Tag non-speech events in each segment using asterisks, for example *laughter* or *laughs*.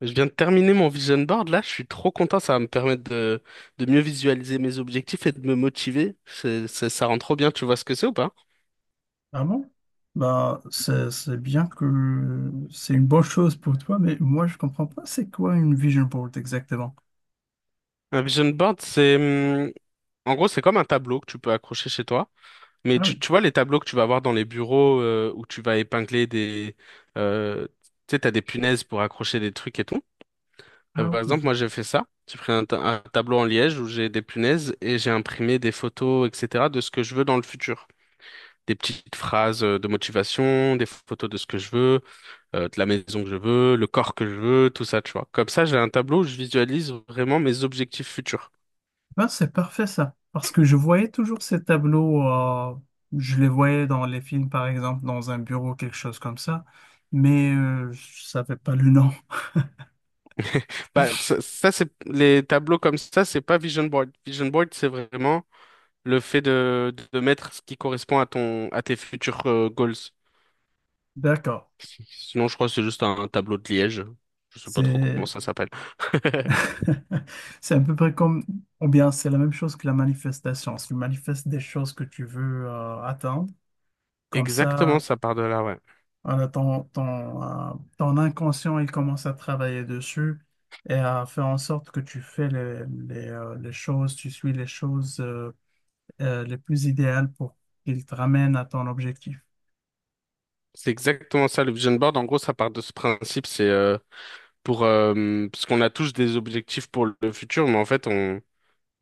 Je viens de terminer mon vision board là, je suis trop content, ça va me permettre de mieux visualiser mes objectifs et de me motiver. Ça rend trop bien, tu vois ce que c'est ou pas? Ah bon? Bah, c'est, bien que c'est une bonne chose pour toi, mais moi, je comprends pas c'est quoi une vision board exactement. Un vision board, c'est en gros c'est comme un tableau que tu peux accrocher chez toi, mais Ah oui, tu vois les tableaux que tu vas avoir dans les bureaux où tu vas épingler euh, tu sais t'as des punaises pour accrocher des trucs et tout. Ah Par exemple oui. moi j'ai fait ça, j'ai pris un tableau en liège où j'ai des punaises et j'ai imprimé des photos etc de ce que je veux dans le futur. Des petites phrases de motivation, des photos de ce que je veux, de la maison que je veux, le corps que je veux, tout ça, tu vois. Comme ça, j'ai un tableau où je visualise vraiment mes objectifs futurs. Ben, c'est parfait ça. Parce que je voyais toujours ces tableaux, je les voyais dans les films, par exemple, dans un bureau, quelque chose comme ça, mais je savais pas le nom. Bah, c'est les tableaux comme ça, c'est pas vision board. Vision board, c'est vraiment le fait de mettre ce qui correspond à ton à tes futurs goals. D'accord. Sinon, je crois que c'est juste un tableau de Liège. Je sais pas trop comment C'est ça s'appelle. *laughs* *laughs* c'est à peu près comme, ou bien c'est la même chose que la manifestation. Tu manifestes des choses que tu veux atteindre. Comme Exactement, ça, ça part de là, ouais. voilà, ton inconscient, il commence à travailler dessus et à faire en sorte que tu fais les choses, tu suis les choses les plus idéales pour qu'il te ramène à ton objectif. C'est exactement ça, le vision board. En gros, ça part de ce principe. C'est pour parce qu'on a tous des objectifs pour le futur, mais en fait on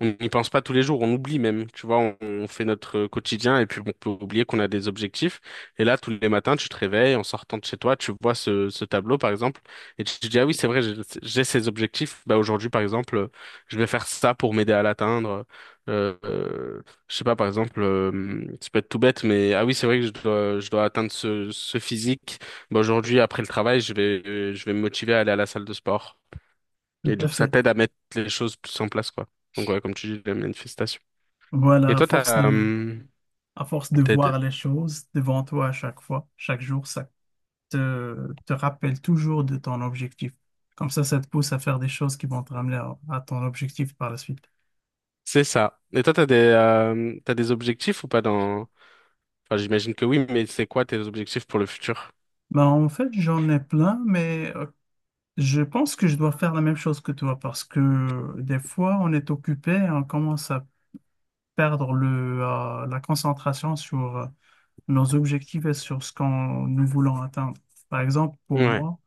on n'y pense pas tous les jours, on oublie même, tu vois, on fait notre quotidien et puis on peut oublier qu'on a des objectifs. Et là, tous les matins, tu te réveilles en sortant de chez toi, tu vois ce tableau, par exemple, et tu te dis, ah oui, c'est vrai, j'ai ces objectifs. Bah, aujourd'hui, par exemple, je vais faire ça pour m'aider à l'atteindre. Je sais pas, par exemple, ça peut être tout bête, mais ah oui, c'est vrai que je dois atteindre ce physique. Bah, aujourd'hui, après le travail, je vais me motiver à aller à la salle de sport. Tout Et du à coup, ça fait. t'aide à mettre les choses plus en place, quoi. Donc, ouais, comme tu dis, la manifestation. Et Voilà, à toi, force de, à force de t'as- t'as- voir les choses devant toi à chaque fois, chaque jour, ça te rappelle toujours de ton objectif. Comme ça te pousse à faire des choses qui vont te ramener à ton objectif par la suite. c'est ça. Et toi, t'as des objectifs ou pas dans, enfin, j'imagine que oui, mais c'est quoi tes objectifs pour le futur? Ben, en fait, j'en ai plein, mais je pense que je dois faire la même chose que toi parce que des fois on est occupé et on commence à perdre la concentration sur nos objectifs et sur ce qu'on nous voulons atteindre. Par exemple, pour Ouais. moi,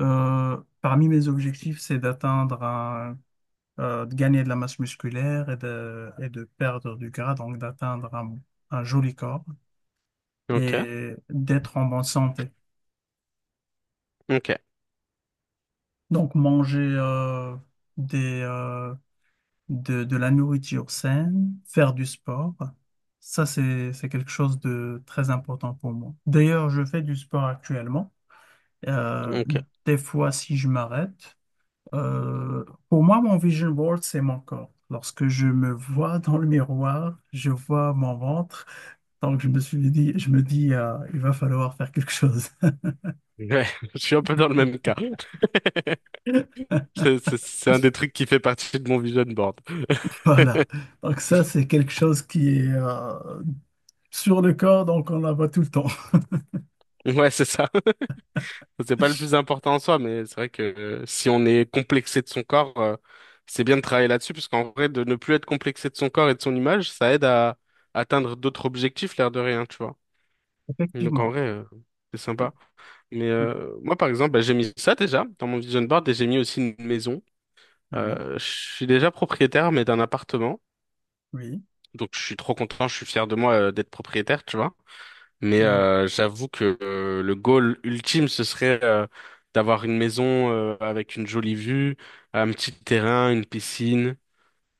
parmi mes objectifs, c'est de gagner de la masse musculaire et de perdre du gras, donc d'atteindre un joli corps Ok. et d'être en bonne santé. Ok. Donc manger des, euh, de la nourriture saine, faire du sport. Ça, c'est quelque chose de très important pour moi. D'ailleurs, je fais du sport actuellement. Euh, Ok. des fois, si je m'arrête, pour moi, mon vision board, c'est mon corps. Lorsque je me vois dans le miroir, je vois mon ventre. Donc, je me dis, il va falloir faire quelque chose. Ouais. *laughs* Je suis un peu dans le même cas. *laughs* *laughs* C'est un des trucs qui fait partie de mon vision board. *laughs* Voilà. Donc, ça, c'est quelque chose qui est sur le corps, donc on la voit tout le temps. *laughs* Ouais, c'est ça. C'est pas le plus important en soi, mais c'est vrai que si on est complexé de son corps, c'est bien de travailler là-dessus, parce qu'en vrai, de ne plus être complexé de son corps et de son image, ça aide à atteindre d'autres objectifs, l'air de rien, tu vois. Donc en Effectivement. vrai, c'est Ah sympa. Mais moi, par exemple, bah, j'ai mis ça déjà dans mon vision board et j'ai mis aussi une maison. oui, Je suis déjà propriétaire, mais d'un appartement. oui, Donc je suis trop content, je suis fier de moi d'être propriétaire, tu vois. Mais oui, j'avoue que le goal ultime, ce serait d'avoir une maison avec une jolie vue, un petit terrain, une piscine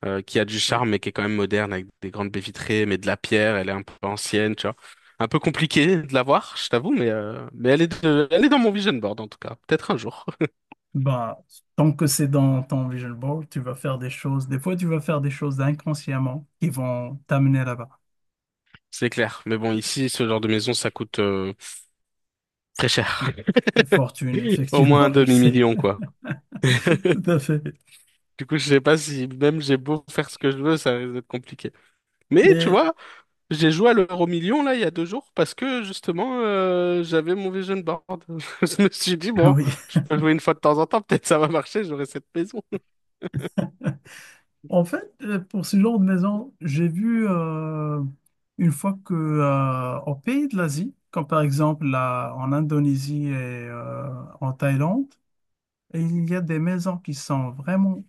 qui a du oui. charme mais qui est quand même moderne avec des grandes baies vitrées, mais de la pierre, elle est un peu ancienne, tu vois. Un peu compliqué de l'avoir, je t'avoue, mais elle est dans mon vision board en tout cas. Peut-être un jour. *laughs* Bah, tant que c'est dans ton vision board, tu vas faire des choses. Des fois, tu vas faire des choses inconsciemment qui vont t'amener là-bas. C'est clair. Mais bon, ici, ce genre de maison, ça coûte très cher. Des fortunes, *laughs* Au moins un effectivement, *laughs* je sais, demi-million, quoi. *laughs* tout à fait. Du coup, je sais pas si même j'ai beau faire ce que je veux, ça risque d'être compliqué. Mais tu Mais vois, j'ai joué à l'euro million là il y a deux jours parce que justement j'avais mon vision board. *laughs* Je me suis dit ah bon, oui. je peux jouer une fois de temps en temps, peut-être ça va marcher, j'aurai cette maison. *laughs* En fait, pour ce genre de maison, j'ai vu une fois que au pays de l'Asie, comme par exemple là, en Indonésie et euh, en Thaïlande, et il y a des maisons qui sont vraiment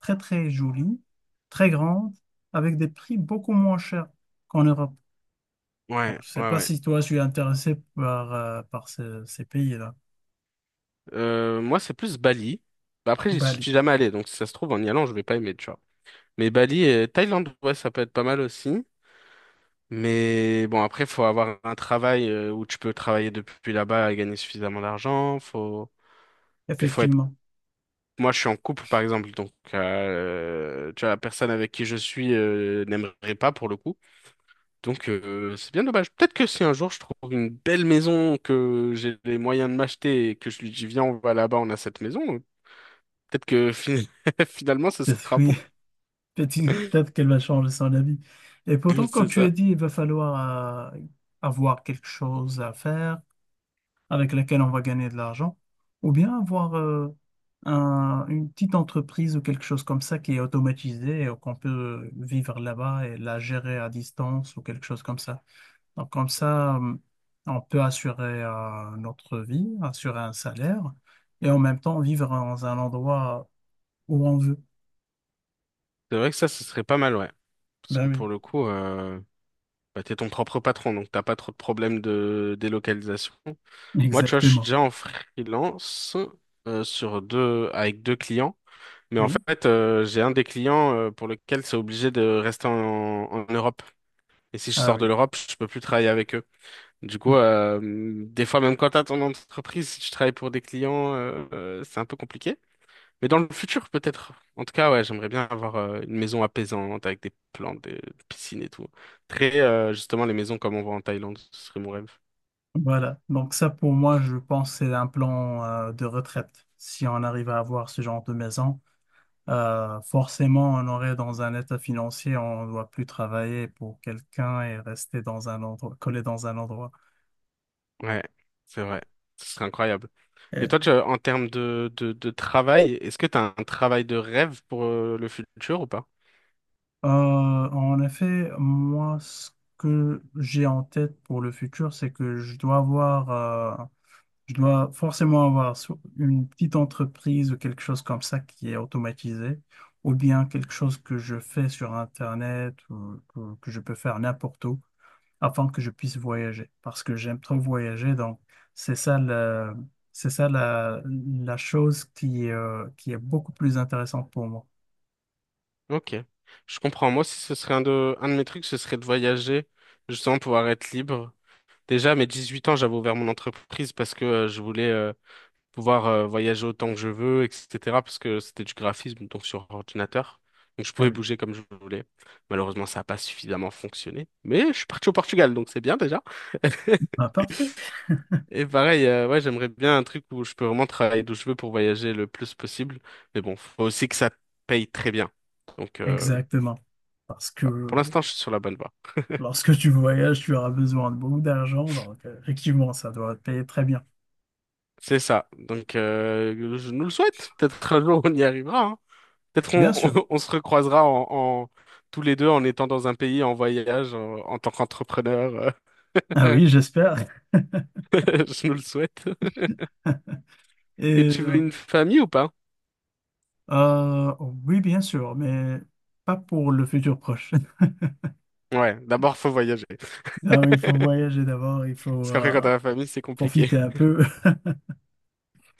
très, très jolies, très grandes, avec des prix beaucoup moins chers qu'en Europe. Bon, Ouais, je ne sais ouais, pas ouais. si toi, tu es intéressé par, ces pays-là. Moi c'est plus Bali. Bah, après j'y Bali, suis jamais allé, donc si ça se trouve en y allant je vais pas aimer, tu vois. Mais Bali et Thaïlande, ouais, ça peut être pas mal aussi. Mais bon après faut avoir un travail où tu peux travailler depuis là-bas et gagner suffisamment d'argent. Faut être effectivement. moi, je suis en couple, par exemple, donc tu vois, la personne avec qui je suis n'aimerait pas pour le coup. Donc, c'est bien dommage. Peut-être que si un jour je trouve une belle maison, que j'ai les moyens de m'acheter et que je lui dis, viens, on va là-bas, on a cette maison, peut-être que *laughs* finalement, ce Peut-être sera bon. oui, *laughs* peut-être peut-être qu'elle va changer son avis. Et pourtant, *laughs* comme C'est tu as ça. dit, il va falloir avoir quelque chose à faire, avec laquelle on va gagner de l'argent, ou bien avoir une petite entreprise ou quelque chose comme ça qui est automatisée et qu'on peut vivre là-bas et la gérer à distance ou quelque chose comme ça. Donc comme ça, on peut assurer notre vie, assurer un salaire et en même temps vivre dans un endroit où on veut. C'est vrai que ça, ce serait pas mal, ouais. Parce que pour Ben le coup, bah, t'es ton propre patron, donc t'as pas trop de problèmes de délocalisation. oui, Moi, tu vois, je suis exactement. déjà en freelance avec deux clients. Mais en Oui, fait, j'ai un des clients pour lequel c'est obligé de rester en Europe. Et si je ah sors de oui. l'Europe, je peux plus travailler avec eux. Du coup, des fois, même quand t'as ton entreprise, si tu travailles pour des clients, c'est un peu compliqué. Mais dans le futur, peut-être. En tout cas, ouais, j'aimerais bien avoir une maison apaisante avec des plantes, des piscines et tout. Très, justement, les maisons comme on voit en Thaïlande, ce serait mon rêve. Voilà. Donc ça, pour moi, je pense c'est un plan de retraite. Si on arrive à avoir ce genre de maison, forcément, on aurait dans un état financier, on ne doit plus travailler pour quelqu'un et rester dans un endroit, collé dans un endroit. Ouais, c'est vrai. Ce serait incroyable. Et toi, tu, en termes de travail, est-ce que tu as un travail de rêve pour le futur ou pas? En effet, moi, ce que j'ai en tête pour le futur, c'est que je dois forcément avoir une petite entreprise ou quelque chose comme ça qui est automatisé, ou bien quelque chose que je fais sur Internet que je peux faire n'importe où afin que je puisse voyager. Parce que j'aime trop voyager, donc c'est ça le, c'est ça la chose qui est beaucoup plus intéressante pour moi. Ok. Je comprends. Moi, si ce serait un de mes trucs, ce serait de voyager, justement, pouvoir être libre. Déjà, à mes huit ans, j'avais ouvert mon entreprise parce que je voulais pouvoir voyager autant que je veux, etc. Parce que c'était du graphisme, donc sur ordinateur. Donc, je Ah pouvais oui. bouger comme je voulais. Malheureusement, ça n'a pas suffisamment fonctionné. Mais je suis parti au Portugal, donc c'est bien déjà. *laughs* Ah, parfait. Et pareil, ouais, j'aimerais bien un truc où je peux vraiment travailler d'où je veux pour voyager le plus possible. Mais bon, faut aussi que ça paye très bien. Donc, Exactement. Parce que pour l'instant, je suis sur la bonne voie. lorsque tu voyages, tu auras besoin de beaucoup d'argent. Donc, effectivement, ça doit te payer très bien. C'est ça. Donc, je nous le souhaite. Peut-être un jour, on y arrivera, hein. Peut-être on, Bien *laughs* sûr. On se recroisera en- tous les deux en étant dans un pays, en voyage, en tant qu'entrepreneur. Ah oui, j'espère. *laughs* Je nous le souhaite. Et Et tu veux euh, une famille ou pas? euh, oui, bien sûr, mais pas pour le futur proche. *laughs* Ouais, d'abord, faut voyager. Non, il *laughs* faut Parce voyager d'abord, il faut qu'après, quand t'as la famille, c'est compliqué. profiter un peu.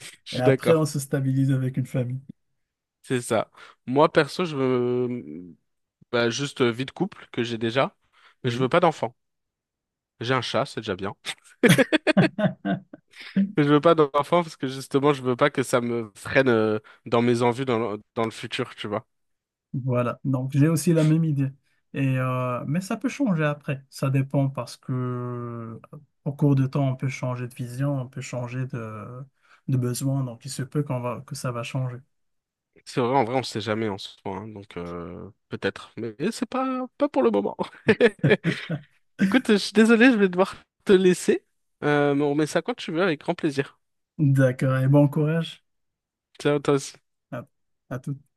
*laughs* Je Et suis après, on d'accord. se stabilise avec une famille. C'est ça. Moi, perso, je veux bah, juste vie de couple que j'ai déjà, mais je Oui. veux pas d'enfant. J'ai un chat, c'est déjà bien. *laughs* *laughs* Mais je veux pas d'enfant parce que justement, je veux pas que ça me freine dans mes envies dans dans le futur, tu vois. Voilà, donc j'ai aussi la même idée. Et, mais ça peut changer après. Ça dépend parce que au cours de temps, on peut changer de vision, on peut changer de besoin. Donc il se peut qu'on va, que ça va changer. C'est vrai, en vrai, on sait jamais en soi, hein, donc peut-être, mais c'est pas pour le moment. *laughs* *laughs* Écoute, je suis désolé, je vais devoir te laisser, mais on remet ça quand tu veux avec grand plaisir. D'accord, et bon courage Ciao, toi aussi. à, à toutes.